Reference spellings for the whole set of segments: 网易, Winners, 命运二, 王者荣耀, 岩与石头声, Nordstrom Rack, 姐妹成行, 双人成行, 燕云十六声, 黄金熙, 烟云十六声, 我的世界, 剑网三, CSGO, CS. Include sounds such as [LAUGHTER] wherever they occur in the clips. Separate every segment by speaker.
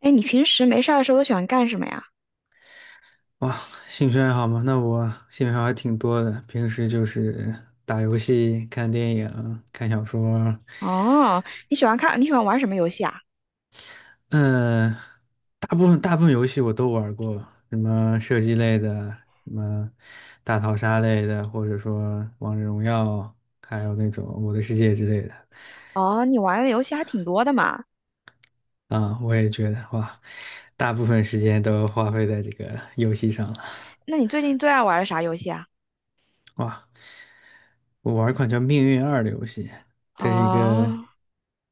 Speaker 1: 哎，你平时没事儿的时候都喜欢干什么呀？
Speaker 2: 哇，兴趣爱好吗？那我兴趣爱好还挺多的。平时就是打游戏、看电影、看小说，
Speaker 1: 哦，你喜欢玩什么游戏啊？
Speaker 2: 嗯、大部分游戏我都玩过，什么射击类的，什么大逃杀类的，或者说王者荣耀，还有那种我的世界之类的。
Speaker 1: 哦，你玩的游戏还挺多的嘛。
Speaker 2: 啊、我也觉得哇，大部分时间都花费在这个游戏上了。
Speaker 1: 那你最近最爱玩的啥游戏啊？
Speaker 2: 哇，我玩一款叫《命运二》的游戏，这是一个
Speaker 1: 哦，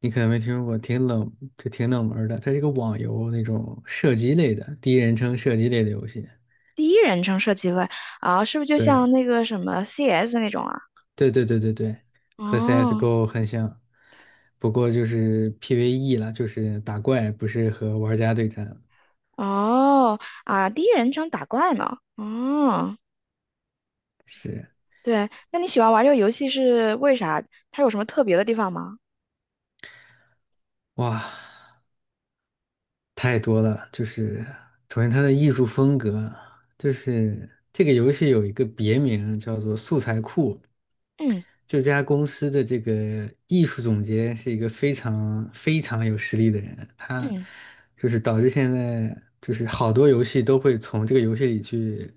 Speaker 2: 你可能没听说过，就挺冷门儿的。它是一个网游那种射击类的，第一人称射击类的游戏。
Speaker 1: 第一人称射击类啊，是不是就
Speaker 2: 对，
Speaker 1: 像那个什么 CS 那种啊？
Speaker 2: 对对对对对，和
Speaker 1: 哦
Speaker 2: CSGO 很像，不过就是 PVE 了，就是打怪，不是和玩家对战。
Speaker 1: 哦啊，第一人称打怪呢？哦，
Speaker 2: 是，
Speaker 1: 对，那你喜欢玩这个游戏是为啥？它有什么特别的地方吗？
Speaker 2: 哇，太多了。就是首先它的艺术风格，就是这个游戏有一个别名叫做"素材库"，
Speaker 1: 嗯
Speaker 2: 这家公司的这个艺术总监是一个非常非常有实力的人，他
Speaker 1: 嗯
Speaker 2: 就是导致现在就是好多游戏都会从这个游戏里去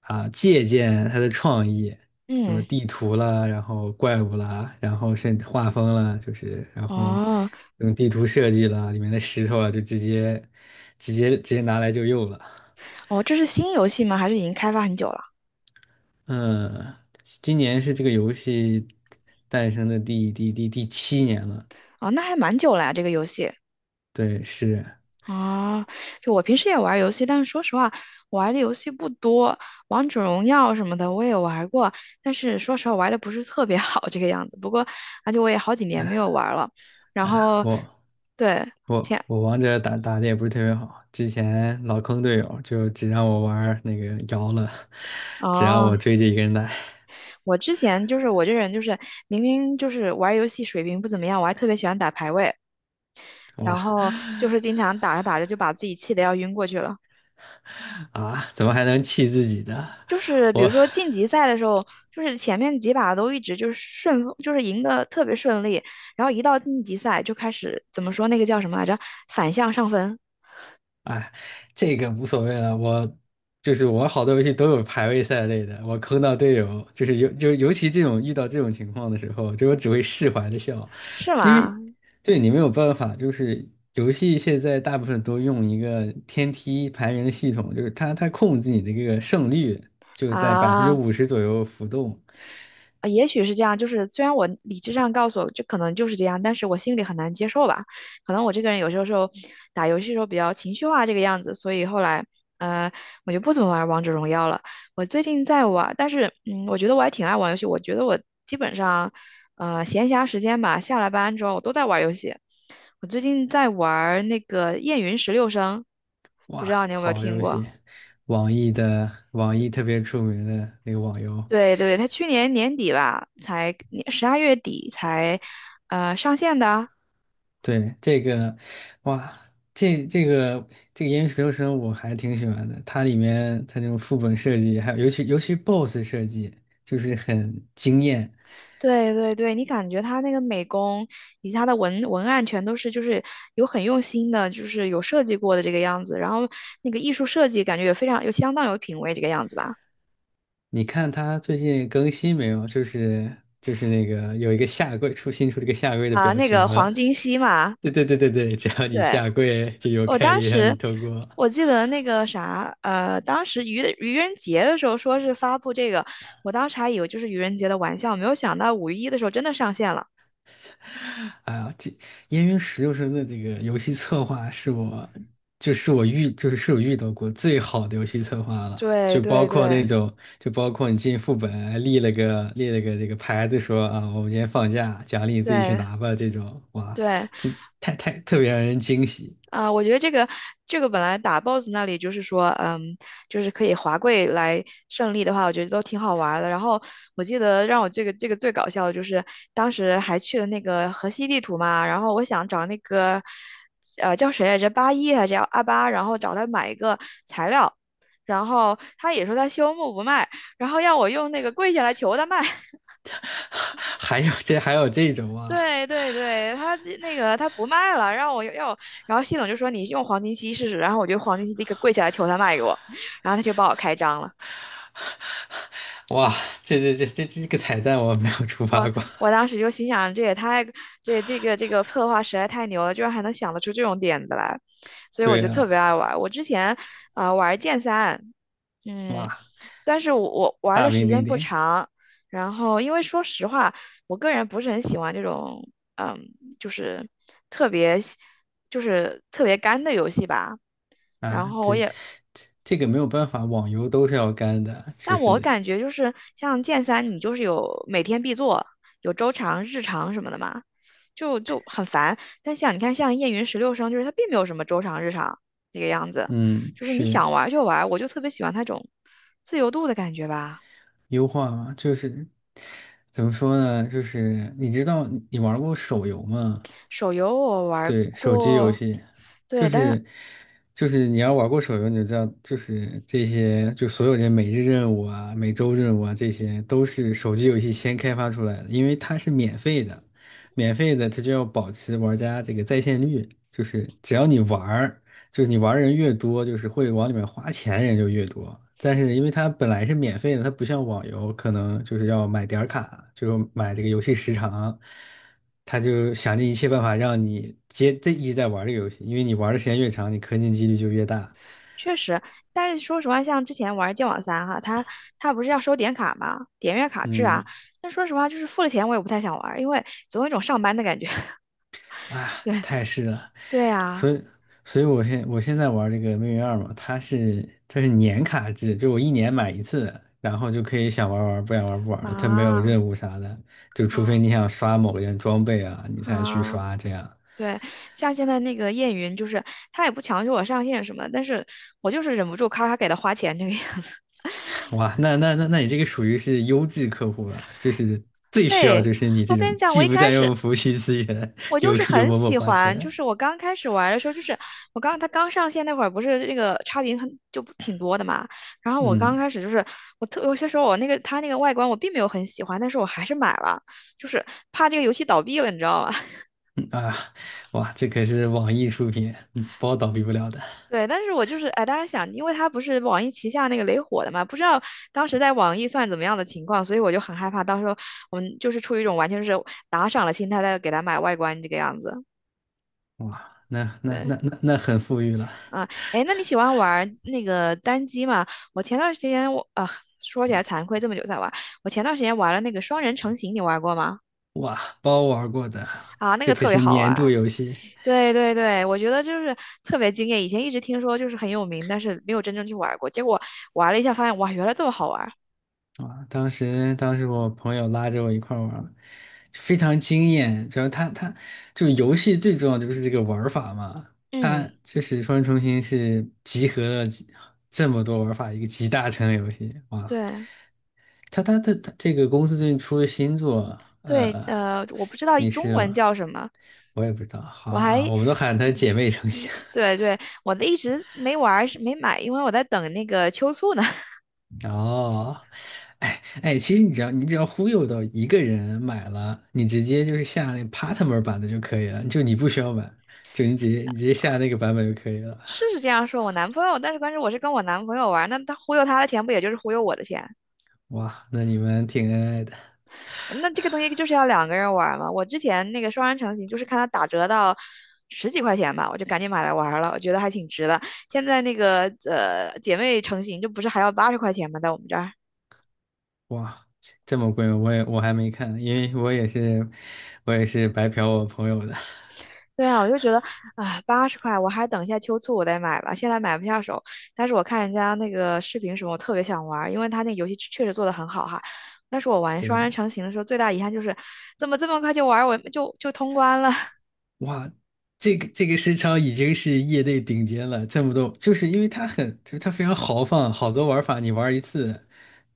Speaker 2: 啊借鉴他的创意，什么
Speaker 1: 嗯，
Speaker 2: 地图啦，然后怪物啦，然后甚至画风啦，就是然后
Speaker 1: 哦
Speaker 2: 用地图设计啦，里面的石头啊，就直接拿来就用了。
Speaker 1: 哦，这是新游戏吗？还是已经开发很久了？
Speaker 2: 嗯，今年是这个游戏诞生的第七年了。
Speaker 1: 哦，那还蛮久了呀，这个游戏。
Speaker 2: 对，是，
Speaker 1: 啊，就我平时也玩游戏，但是说实话，我玩的游戏不多。王者荣耀什么的我也玩过，但是说实话玩的不是特别 [LAUGHS] 好这个样子。不过，而且我也好几年没有玩了。然
Speaker 2: 哎呀，
Speaker 1: 后，
Speaker 2: 我
Speaker 1: 对，
Speaker 2: 我
Speaker 1: 前
Speaker 2: 我王者打的也不是特别好，之前老坑队友，就只让我玩儿那个瑶了，只让
Speaker 1: 哦，
Speaker 2: 我追着一个人打，
Speaker 1: 我之前就是我这人就是明明就是玩游戏水平不怎么样，我还特别喜欢打排位，
Speaker 2: 哇
Speaker 1: 然后就是经常打着打着就把自己气的要晕过去了。
Speaker 2: 啊，怎么还能气自己的？
Speaker 1: 就是比如
Speaker 2: 我
Speaker 1: 说晋级赛的时候，就是前面几把都一直就是顺风，就是赢得特别顺利，然后一到晋级赛就开始怎么说那个叫什么来着？反向上分
Speaker 2: 哎这个无所谓了，我就是我好多游戏都有排位赛类的，我坑到队友，就是尤其这种遇到这种情况的时候，就我只会释怀的笑，
Speaker 1: 是
Speaker 2: 因为
Speaker 1: 吗？
Speaker 2: 对你没有办法，就是游戏现在大部分都用一个天梯排名的系统，就是它控制你的这个胜率就在百分之
Speaker 1: 啊，
Speaker 2: 五十左右浮动，
Speaker 1: 啊，也许是这样，就是虽然我理智上告诉我这可能就是这样，但是我心里很难接受吧。可能我这个人有时候打游戏的时候比较情绪化这个样子，所以后来呃我就不怎么玩王者荣耀了。我最近在玩，但是我觉得我还挺爱玩游戏。我觉得我基本上闲暇时间吧，下了班之后我都在玩游戏。我最近在玩那个《燕云十六声》，不
Speaker 2: 哇，
Speaker 1: 知道你有没有
Speaker 2: 好
Speaker 1: 听
Speaker 2: 游
Speaker 1: 过？
Speaker 2: 戏，网易的网易特别出名的那个网游。
Speaker 1: 对对，他去年年底吧，才12月底才，上线的。
Speaker 2: 对，这个，哇，这这个这个《岩与石头声》我还挺喜欢的，它里面它那种副本设计，还有尤其 BOSS 设计，就是很惊艳。
Speaker 1: 对对对，你感觉他那个美工以及他的文案全都是就是有很用心的，就是有设计过的这个样子，然后那个艺术设计感觉也非常有相当有品味这个样子吧。
Speaker 2: 你看它最近更新没有？就是那个有一个下跪新出了一个下跪的
Speaker 1: 啊，
Speaker 2: 表
Speaker 1: 那个
Speaker 2: 情，
Speaker 1: 黄金熙嘛，
Speaker 2: [LAUGHS] 对对对对对，只要你
Speaker 1: 对，
Speaker 2: 下跪就有
Speaker 1: 我
Speaker 2: 概
Speaker 1: 当
Speaker 2: 率让你
Speaker 1: 时
Speaker 2: 通过。
Speaker 1: 我记得那个啥，当时愚人节的时候说是发布这个，我当时还以为就是愚人节的玩笑，没有想到5月1日的时候真的上线了。
Speaker 2: [LAUGHS] 哎呀，这《烟云十六声》的这个游戏策划是我，就是我遇，就是我遇到过最好的游戏策划了。
Speaker 1: 对
Speaker 2: 就包
Speaker 1: 对
Speaker 2: 括那
Speaker 1: 对
Speaker 2: 种，就包括你进副本还立了个这个牌子说啊，我们今天放假，奖励你自己去
Speaker 1: 对
Speaker 2: 拿吧。这种哇，
Speaker 1: 对
Speaker 2: 这太特别让人惊喜。
Speaker 1: 啊、我觉得这个本来打 BOSS 那里就是说，嗯，就是可以滑跪来胜利的话，我觉得都挺好玩儿的。然后我记得让我这个最搞笑的就是当时还去了那个河西地图嘛，然后我想找那个叫谁来着，八一还是叫阿八，然后找他买一个材料，然后他也说他修木不卖，然后要我用那个跪下来求他卖。
Speaker 2: [LAUGHS] 还有这还有这种啊，
Speaker 1: 对对对，他那个他不卖了，让我要，然后系统就说你用黄金期试试，然后我就黄金期立刻跪下来求他卖给我，然后他就帮我开张了。
Speaker 2: 哇，这个彩蛋我没有触
Speaker 1: 我
Speaker 2: 发过。
Speaker 1: 我当时就心想，这也太这个策划实在太牛了，居然还能想得出这种点子来，所以我
Speaker 2: 对
Speaker 1: 就特
Speaker 2: 啊，
Speaker 1: 别爱玩我之前玩剑三，嗯，
Speaker 2: 哇，
Speaker 1: 但是我玩
Speaker 2: 大
Speaker 1: 的
Speaker 2: 名
Speaker 1: 时
Speaker 2: 鼎
Speaker 1: 间不
Speaker 2: 鼎。
Speaker 1: 长，然后因为说实话，我个人不是很喜欢这种，嗯，就是特别喜就是特别干的游戏吧。然
Speaker 2: 啊，
Speaker 1: 后我
Speaker 2: 这
Speaker 1: 也，
Speaker 2: 这这个没有办法，网游都是要干的，就
Speaker 1: 但我
Speaker 2: 是
Speaker 1: 感觉就是像剑三，你就是有每天必做，有周长、日常什么的嘛，就很烦。但像你看，像燕云十六声，就是它并没有什么周长、日常这个样子，
Speaker 2: 嗯，
Speaker 1: 就是你
Speaker 2: 是
Speaker 1: 想玩就玩，我就特别喜欢那种自由度的感觉吧。
Speaker 2: 优化嘛，就是怎么说呢，就是你知道你玩过手游吗？
Speaker 1: 手游我玩
Speaker 2: 对，手机游
Speaker 1: 过，
Speaker 2: 戏就
Speaker 1: 对，但是
Speaker 2: 是就是你要玩过手游，你就知道，就是这些就所有这每日任务啊、每周任务啊，这些都是手机游戏先开发出来的，因为它是免费的，免费的它就要保持玩家这个在线率，就是只要你玩儿。就是你玩人越多，就是会往里面花钱人就越多。但是因为它本来是免费的，它不像网游，可能就是要买点儿卡，就是买这个游戏时长，他就想尽一切办法让你接这一直在玩这个游戏，因为你玩的时间越长，你氪金几率就越大。
Speaker 1: 确实，但是说实话，像之前玩《剑网三》哈，它不是要收点卡嘛，点阅卡制啊。
Speaker 2: 嗯，
Speaker 1: 但说实话，就是付了钱我也不太想玩，因为总有一种上班的感觉。[LAUGHS]
Speaker 2: 啊，太是了。
Speaker 1: 对啊，
Speaker 2: 所以，我现在玩这个《命运二》嘛，它是年卡制，就我一年买一次，然后就可以想玩玩，不想玩不玩了。它没有
Speaker 1: 啊
Speaker 2: 任务啥的，就除非
Speaker 1: 啊
Speaker 2: 你想刷某件装备啊，你才去
Speaker 1: 啊！
Speaker 2: 刷这样。
Speaker 1: 对，像现在那个燕云，就是他也不强制我上线什么的，但是我就是忍不住咔咔给他花钱这个样子。
Speaker 2: 哇，那你这个属于是优质客户了，就是
Speaker 1: [LAUGHS]
Speaker 2: 最需要
Speaker 1: 对，
Speaker 2: 就是你
Speaker 1: 我
Speaker 2: 这种
Speaker 1: 跟你讲，我
Speaker 2: 既
Speaker 1: 一
Speaker 2: 不
Speaker 1: 开
Speaker 2: 占
Speaker 1: 始
Speaker 2: 用服务器资源，
Speaker 1: 我就
Speaker 2: 又
Speaker 1: 是
Speaker 2: 又
Speaker 1: 很
Speaker 2: 默默
Speaker 1: 喜
Speaker 2: 花
Speaker 1: 欢，就
Speaker 2: 钱。
Speaker 1: 是我刚开始玩的时候，就是它刚上线那会儿，不是那个差评很就不挺多的嘛。然后我刚
Speaker 2: 嗯
Speaker 1: 开始就是我特有些时候我那个它那个外观我并没有很喜欢，但是我还是买了，就是怕这个游戏倒闭了，你知道吧？[LAUGHS]
Speaker 2: 嗯啊，哇，这可是网易出品，嗯包倒闭不了的。
Speaker 1: 对，但是我就是哎，当时想，因为它不是网易旗下那个雷火的嘛，不知道当时在网易算怎么样的情况，所以我就很害怕，到时候我们就是出于一种完全是打赏的心态在给它买外观这个样子。
Speaker 2: 哇，那那
Speaker 1: 对。
Speaker 2: 那那那很富裕了。
Speaker 1: 啊，哎，那你喜欢玩儿那个单机吗？我前段时间我啊，说起来惭愧，这么久才玩。我前段时间玩了那个双人成行，你玩过吗？
Speaker 2: 哇，包玩过的，
Speaker 1: 啊，那
Speaker 2: 这
Speaker 1: 个
Speaker 2: 可
Speaker 1: 特别
Speaker 2: 是
Speaker 1: 好玩
Speaker 2: 年度
Speaker 1: 儿
Speaker 2: 游戏
Speaker 1: 对对对，我觉得就是特别惊艳。以前一直听说就是很有名，但是没有真正去玩过。结果玩了一下，发现哇，原来这么好玩儿
Speaker 2: 啊！当时我朋友拉着我一块儿玩儿就非常惊艳。主要他，他就是游戏最重要的就是这个玩儿法嘛，它
Speaker 1: 嗯，
Speaker 2: 就是《双人成行》是集合了这么多玩儿法一个集大成的游戏哇！
Speaker 1: 对
Speaker 2: 他这个公司最近出了新作，
Speaker 1: 对，我不知道
Speaker 2: 你
Speaker 1: 中
Speaker 2: 是
Speaker 1: 文叫什么，
Speaker 2: 我也不知道，好
Speaker 1: 我还
Speaker 2: 啊，我们都喊它
Speaker 1: 嗯
Speaker 2: 姐妹成市。
Speaker 1: 对对，我的一直没玩儿是没买，因为我在等那个秋促呢。
Speaker 2: 哦，哎哎，其实你只要忽悠到一个人买了，你直接就是下那 partner 版的就可以了，就你不需要买，就你直接下那个版本就可以了。
Speaker 1: 是是这样说，我男朋友，但是关键我是跟我男朋友玩那他忽悠他的钱不也就是忽悠我的钱？
Speaker 2: 哇，那你们挺恩爱的。
Speaker 1: 嗯那这个东西就是要两个人玩嘛。我之前那个双人成行就是看他打折到10几块钱吧，我就赶紧买来玩了，我觉得还挺值的。现在那个姐妹成行就不是还要80块钱吗？在我们这儿
Speaker 2: 哇，这么贵我也我还没看，因为我也是白嫖我朋友的。[LAUGHS]
Speaker 1: 对啊，我就觉得啊，八十块，我还是等一下秋促我再买吧，现在买不下手。但是我看人家那个视频什么，我特别想玩儿，因为他那个游戏确实做得很好哈。但是我玩
Speaker 2: 对，
Speaker 1: 双人成行的时候，最大遗憾就是怎么这么快就玩儿，我就通关了。[LAUGHS]
Speaker 2: 哇，这个市场已经是业内顶尖了，这么多，就是因为它很，就是它非常豪放，好多玩法你玩一次，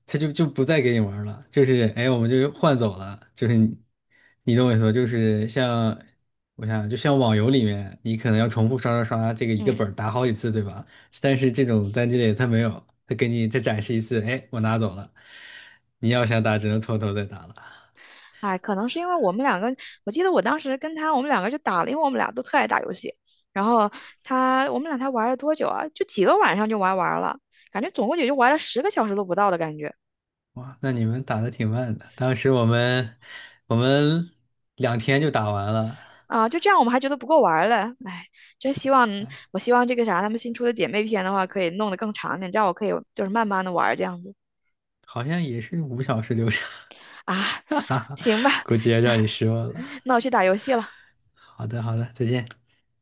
Speaker 2: 它就不再给你玩了，就是哎，我们就换走了，就是你，你懂我意思吧？就是像我想，就像网游里面，你可能要重复刷刷刷，这个一个本
Speaker 1: 嗯，
Speaker 2: 儿打好几次，对吧？但是这种单机类它没有，它给你再展示一次，哎，我拿走了，你要想打只能从头再打了。
Speaker 1: 哎，可能是因为我们两个，我记得我当时跟他，我们两个就打了，因为我们俩都特爱打游戏。然后他，我们俩才玩了多久啊？就几个晚上就玩完了，感觉总共也就玩了10个小时都不到的感觉。
Speaker 2: 哇，那你们打的挺慢的。当时我们2天就打完了，
Speaker 1: 啊，就这样我们还觉得不够玩儿了，哎，真希望
Speaker 2: 哎，
Speaker 1: 我希望这个啥，他们新出的姐妹篇的话，可以弄得更长点，这样我可以就是慢慢的玩儿这样子
Speaker 2: 好像也是5小时流程，
Speaker 1: 啊，行
Speaker 2: [LAUGHS]
Speaker 1: 吧，
Speaker 2: 估计要让你失望了。
Speaker 1: 那我去打游戏了。
Speaker 2: 好的，好的，再见。